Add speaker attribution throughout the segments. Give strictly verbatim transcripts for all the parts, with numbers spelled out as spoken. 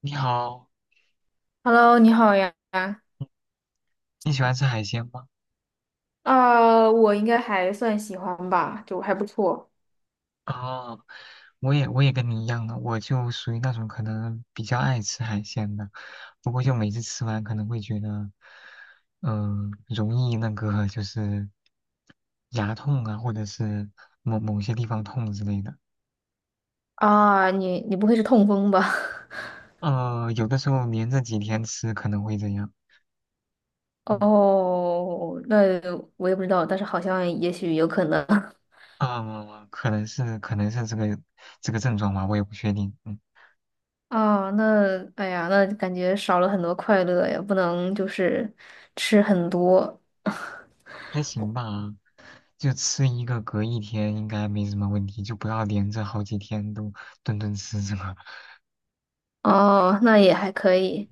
Speaker 1: 你好，
Speaker 2: Hello，你好呀。
Speaker 1: 你喜欢吃海鲜吗？
Speaker 2: 啊我应该还算喜欢吧，就还不错。
Speaker 1: 啊、我也我也跟你一样的，我就属于那种可能比较爱吃海鲜的，不过就每次吃完可能会觉得，嗯、容易那个就是牙痛啊，或者是某某些地方痛之类的。
Speaker 2: 啊，你你不会是痛风吧？
Speaker 1: 嗯，有的时候连着几天吃可能会这样。嗯，
Speaker 2: 哦，那我也不知道，但是好像也许有可能。
Speaker 1: 啊、可能是可能是这个这个症状吧，我也不确定。嗯。
Speaker 2: 啊，那哎呀，那感觉少了很多快乐呀，不能就是吃很多。
Speaker 1: 还行吧，就吃一个隔一天应该没什么问题，就不要连着好几天都顿顿吃这个。
Speaker 2: 哦，那也还可以。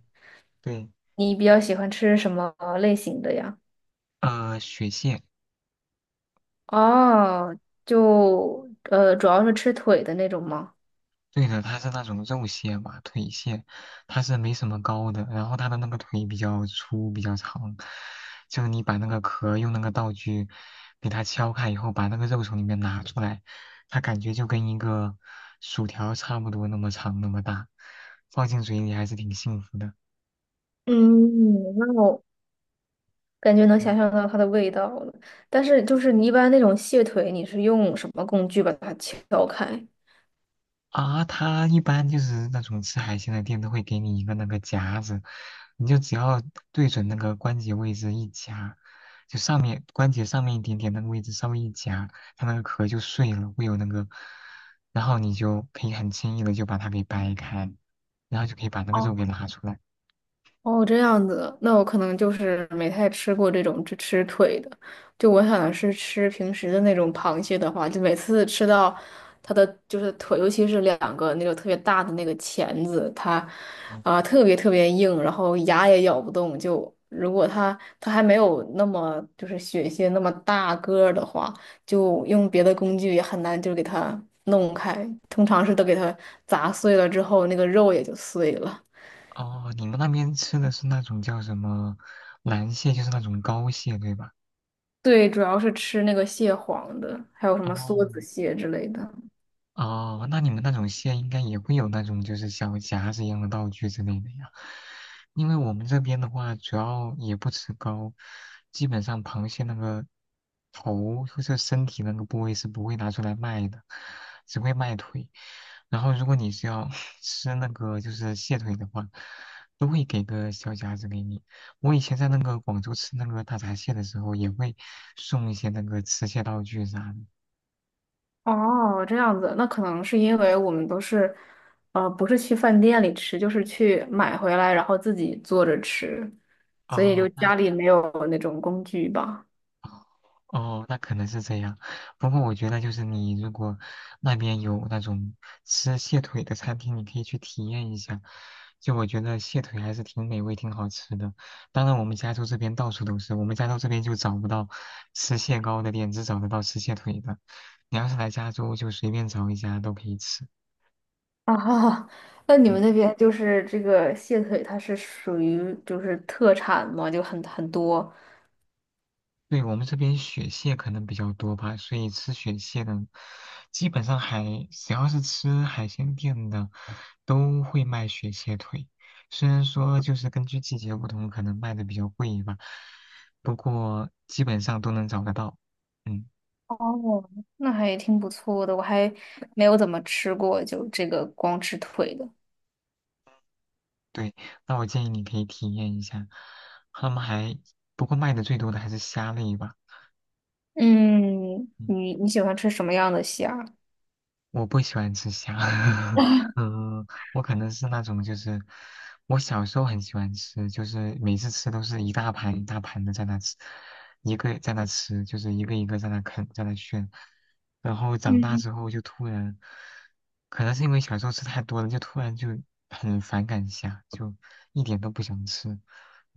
Speaker 1: 对，
Speaker 2: 你比较喜欢吃什么类型的呀？
Speaker 1: 呃，雪蟹。
Speaker 2: 哦，就呃，主要是吃腿的那种吗？
Speaker 1: 对的，它是那种肉蟹嘛，腿蟹，它是没什么膏的，然后它的那个腿比较粗，比较长，就是你把那个壳用那个道具给它敲开以后，把那个肉从里面拿出来，它感觉就跟一个薯条差不多那么长那么大，放进嘴里还是挺幸福的。
Speaker 2: 嗯，那我感觉能想象到它的味道了。但是就是你一般那种蟹腿，你是用什么工具把它敲开？
Speaker 1: 啊，它一般就是那种吃海鲜的店都会给你一个那个夹子，你就只要对准那个关节位置一夹，就上面关节上面一点点那个位置稍微一夹，它那个壳就碎了，会有那个，然后你就可以很轻易的就把它给掰开，然后就可以把那个肉给拿出来。
Speaker 2: 哦，这样子，那我可能就是没太吃过这种只吃腿的，就我想的是吃平时的那种螃蟹的话，就每次吃到它的就是腿，尤其是两个那种特别大的那个钳子，它
Speaker 1: 哦。
Speaker 2: 啊、特别特别硬，然后牙也咬不动。就如果它它还没有那么就是血蟹那么大个儿的话，就用别的工具也很难就给它弄开，通常是都给它砸碎了之后，那个肉也就碎了。
Speaker 1: 哦，你们那边吃的是那种叫什么蓝蟹，就是那种膏蟹，对吧？
Speaker 2: 对，主要是吃那个蟹黄的，还有什么
Speaker 1: 哦。
Speaker 2: 梭子蟹之类的。
Speaker 1: 哦，那你们那种蟹应该也会有那种就是小夹子一样的道具之类的呀，因为我们这边的话，主要也不吃膏，基本上螃蟹那个头或者身体那个部位是不会拿出来卖的，只会卖腿。然后如果你是要 吃那个就是蟹腿的话，都会给个小夹子给你。我以前在那个广州吃那个大闸蟹的时候，也会送一些那个吃蟹道具啥的。
Speaker 2: 哦，这样子，那可能是因为我们都是，呃，不是去饭店里吃，就是去买回来，然后自己做着吃，所以
Speaker 1: 哦，
Speaker 2: 就
Speaker 1: 那
Speaker 2: 家里没有那种工具吧。
Speaker 1: 哦，那可能是这样。不过我觉得，就是你如果那边有那种吃蟹腿的餐厅，你可以去体验一下。就我觉得蟹腿还是挺美味、挺好吃的。当然，我们加州这边到处都是，我们加州这边就找不到吃蟹膏的店，只找得到吃蟹腿的。你要是来加州，就随便找一家都可以吃。
Speaker 2: 哦，那你们
Speaker 1: 嗯。
Speaker 2: 那边就是这个蟹腿，它是属于就是特产嘛，就很很多。
Speaker 1: 对，我们这边雪蟹可能比较多吧，所以吃雪蟹的，基本上海，只要是吃海鲜店的，都会卖雪蟹腿。虽然说就是根据季节不同，可能卖的比较贵吧，不过基本上都能找得到。嗯。
Speaker 2: 哦，那还挺不错的，我还没有怎么吃过，就这个光吃腿的。
Speaker 1: 对，那我建议你可以体验一下。他们还，不过卖的最多的还是虾类吧。
Speaker 2: 嗯，
Speaker 1: 嗯
Speaker 2: 你你喜欢吃什么样的虾？
Speaker 1: 我不喜欢吃虾。嗯，我可能是那种就是，我小时候很喜欢吃，就是每次吃都是一大盘一大盘的在那吃，一个在那吃，就是一个一个在那啃，在那炫，然后长大
Speaker 2: 嗯，
Speaker 1: 之后就突然，可能是因为小时候吃太多了，就突然就很反感虾，就一点都不想吃，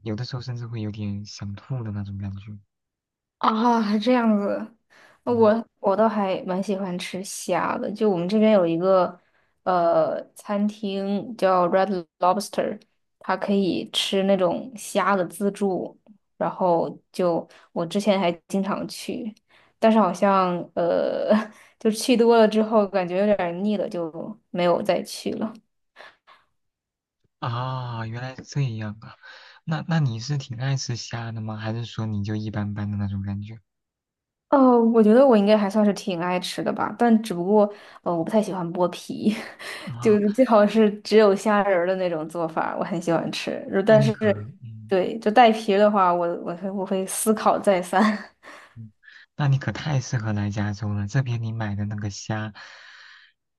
Speaker 1: 有的时候甚至会有点想吐的那种感觉。
Speaker 2: 啊，还这样子，呃
Speaker 1: 嗯。
Speaker 2: 我我倒还蛮喜欢吃虾的。就我们这边有一个呃餐厅叫 Red Lobster，它可以吃那种虾的自助，然后就我之前还经常去，但是好像呃 就去多了之后感觉有点儿腻了，就没有再去了。
Speaker 1: 啊，原来是这样啊。那那你是挺爱吃虾的吗？还是说你就一般般的那种感觉？
Speaker 2: 哦，我觉得我应该还算是挺爱吃的吧，但只不过呃，我不太喜欢剥皮，就
Speaker 1: 啊，
Speaker 2: 是最好是只有虾仁儿的那种做法，我很喜欢吃。如
Speaker 1: 那
Speaker 2: 但
Speaker 1: 你
Speaker 2: 是，
Speaker 1: 可，嗯
Speaker 2: 对，就带皮儿的话，我我会我会思考再三。
Speaker 1: 嗯，那你可太适合来加州了。这边你买的那个虾，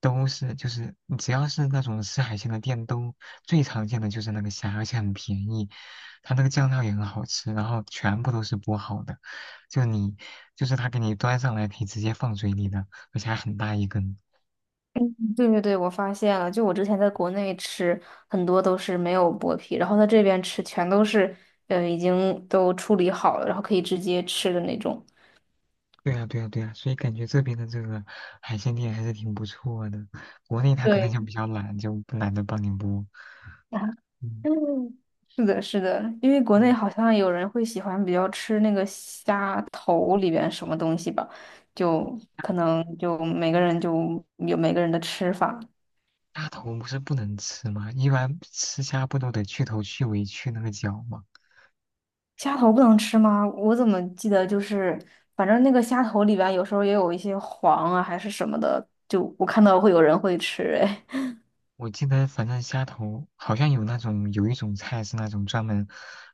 Speaker 1: 都是就是你只要是那种吃海鲜的店，都最常见的就是那个虾，而且很便宜。它那个酱料也很好吃，然后全部都是剥好的，就你就是他给你端上来可以直接放嘴里的，而且还很大一根。
Speaker 2: 嗯对对对，我发现了，就我之前在国内吃很多都是没有剥皮，然后在这边吃全都是呃已经都处理好了，然后可以直接吃的那种。
Speaker 1: 对呀，对呀，对呀，所以感觉这边的这个海鲜店还是挺不错的。国内他可能
Speaker 2: 对。
Speaker 1: 就比较懒，就不懒得帮你剥。嗯，
Speaker 2: 嗯，是的，是的，因为国内
Speaker 1: 对，
Speaker 2: 好像有人会喜欢比较吃那个虾头里边什么东西吧，就可能就每个人就有每个人的吃法。
Speaker 1: 大头不是不能吃吗？一般吃虾不都得去头、去尾、去那个脚吗？
Speaker 2: 虾头不能吃吗？我怎么记得就是，反正那个虾头里边有时候也有一些黄啊还是什么的，就我看到会有人会吃，哎，
Speaker 1: 我记得反正虾头好像有那种有一种菜是那种专门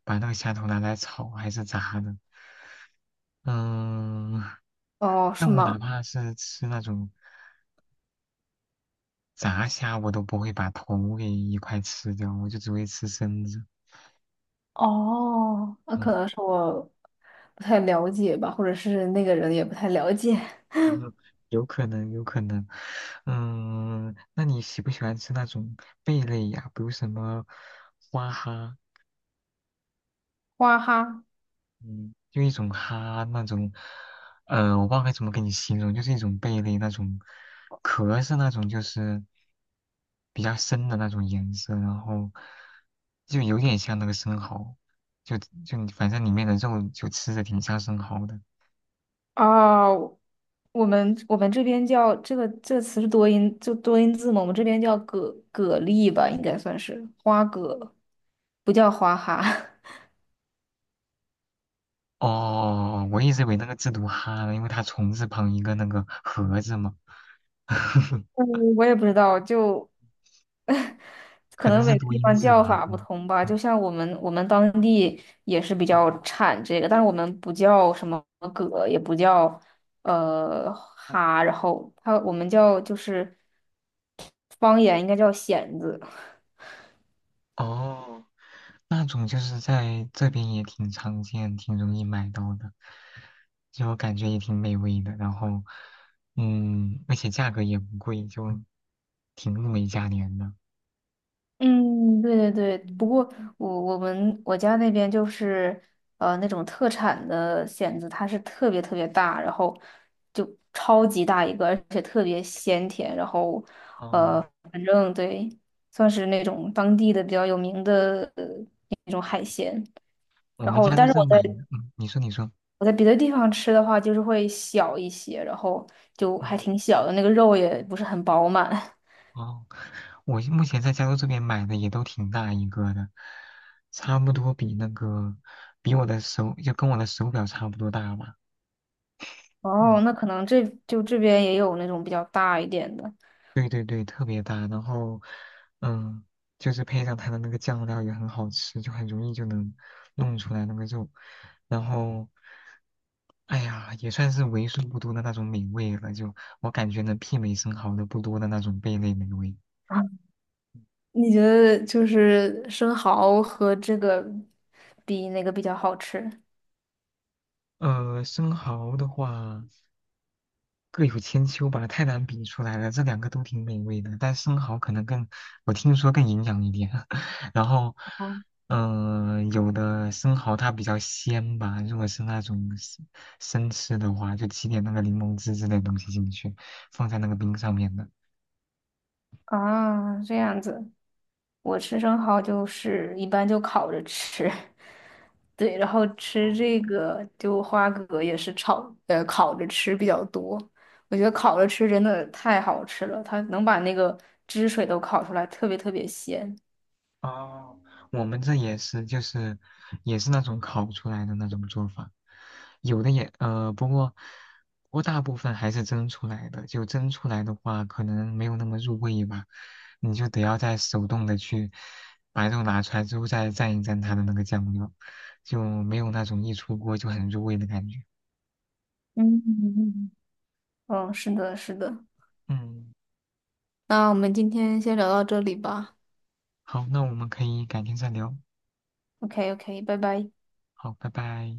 Speaker 1: 把那个虾头拿来炒还是炸的。嗯，
Speaker 2: 哦，
Speaker 1: 但
Speaker 2: 是
Speaker 1: 我
Speaker 2: 吗？
Speaker 1: 哪怕是吃那种炸虾，我都不会把头给一块吃掉，我就只会吃身子。
Speaker 2: 哦，那
Speaker 1: 嗯
Speaker 2: 可能是我不太了解吧，或者是那个人也不太了解。
Speaker 1: 嗯，有可能，有可能。嗯，那你喜不喜欢吃那种贝类呀？比如什么花蛤，
Speaker 2: 哇哈。
Speaker 1: 嗯，就一种蛤那种，呃，我不知道该怎么给你形容，就是一种贝类那种，壳是那种就是比较深的那种颜色，然后就有点像那个生蚝，就就反正里面的肉就吃着挺像生蚝的。
Speaker 2: 啊，我们我们这边叫这个这个词是多音，就多音字嘛，我们这边叫蛤蛤蜊吧，应该算是花蛤，不叫花蛤。
Speaker 1: 哦，我一直以为那个字读"哈呢，因为它虫字旁一个那个盒子嘛。呵呵，
Speaker 2: 嗯，我也不知道，就 可
Speaker 1: 可能
Speaker 2: 能
Speaker 1: 是
Speaker 2: 每个
Speaker 1: 多
Speaker 2: 地
Speaker 1: 音
Speaker 2: 方
Speaker 1: 字
Speaker 2: 叫
Speaker 1: 吧。
Speaker 2: 法不
Speaker 1: 嗯。
Speaker 2: 同吧。就
Speaker 1: 嗯，
Speaker 2: 像我们我们当地也是比较产这个，但是我们不叫什么蛤，也不叫呃蛤，然后它我们叫就是方言应该叫蚬子。
Speaker 1: 哦，那种就是在这边也挺常见，挺容易买到的，就感觉也挺美味的。然后，嗯，而且价格也不贵，就挺物美价廉的。
Speaker 2: 嗯，对对对，不过我我们我家那边就是呃那种特产的蚬子，它是特别特别大，然后就超级大一个，而且特别鲜甜，然后
Speaker 1: 哦，
Speaker 2: 呃反正对，算是那种当地的比较有名的呃那种海鲜。
Speaker 1: 我
Speaker 2: 然
Speaker 1: 们
Speaker 2: 后，
Speaker 1: 家州
Speaker 2: 但是
Speaker 1: 这
Speaker 2: 我
Speaker 1: 买
Speaker 2: 在
Speaker 1: 的，嗯，你说你说，
Speaker 2: 我在别的地方吃的话，就是会小一些，然后就
Speaker 1: 嗯，
Speaker 2: 还挺小的，那个肉也不是很饱满。
Speaker 1: 哦，我目前在加州这边买的也都挺大一个的，差不多比那个比我的手就跟我的手表差不多大吧。
Speaker 2: 哦，
Speaker 1: 嗯。
Speaker 2: 那可能这就这边也有那种比较大一点的。
Speaker 1: 对对对，特别大，然后，嗯，就是配上它的那个酱料也很好吃，就很容易就能弄出来那个肉，然后，哎呀，也算是为数不多的那种美味了，就我感觉能媲美生蚝的不多的那种贝类美味。
Speaker 2: 啊，你觉得就是生蚝和这个比哪个比较好吃？
Speaker 1: 呃，生蚝的话，各有千秋吧，太难比出来了。这两个都挺美味的，但生蚝可能更，我听说更营养一点。然后，
Speaker 2: 哦，
Speaker 1: 嗯、有的生蚝它比较鲜吧，如果是那种生生吃的话，就挤点那个柠檬汁之类的东西进去，放在那个冰上面的。
Speaker 2: 啊，这样子，我吃生蚝就是一般就烤着吃，对，然后
Speaker 1: 哦。
Speaker 2: 吃这个就花蛤也是炒，呃，烤着吃比较多。我觉得烤着吃真的太好吃了，它能把那个汁水都烤出来，特别特别鲜。
Speaker 1: 哦，我们这也是，就是也是那种烤出来的那种做法，有的也呃，不过不过大部分还是蒸出来的，就蒸出来的话，可能没有那么入味吧，你就得要再手动的去把肉拿出来之后再蘸一蘸它的那个酱料，就没有那种一出锅就很入味的感觉。
Speaker 2: 嗯嗯，嗯，是的，是的。
Speaker 1: 嗯，
Speaker 2: 那我们今天先聊到这里吧。
Speaker 1: 好，那我们可以改天再聊。
Speaker 2: OK，OK，拜拜。
Speaker 1: 好，拜拜。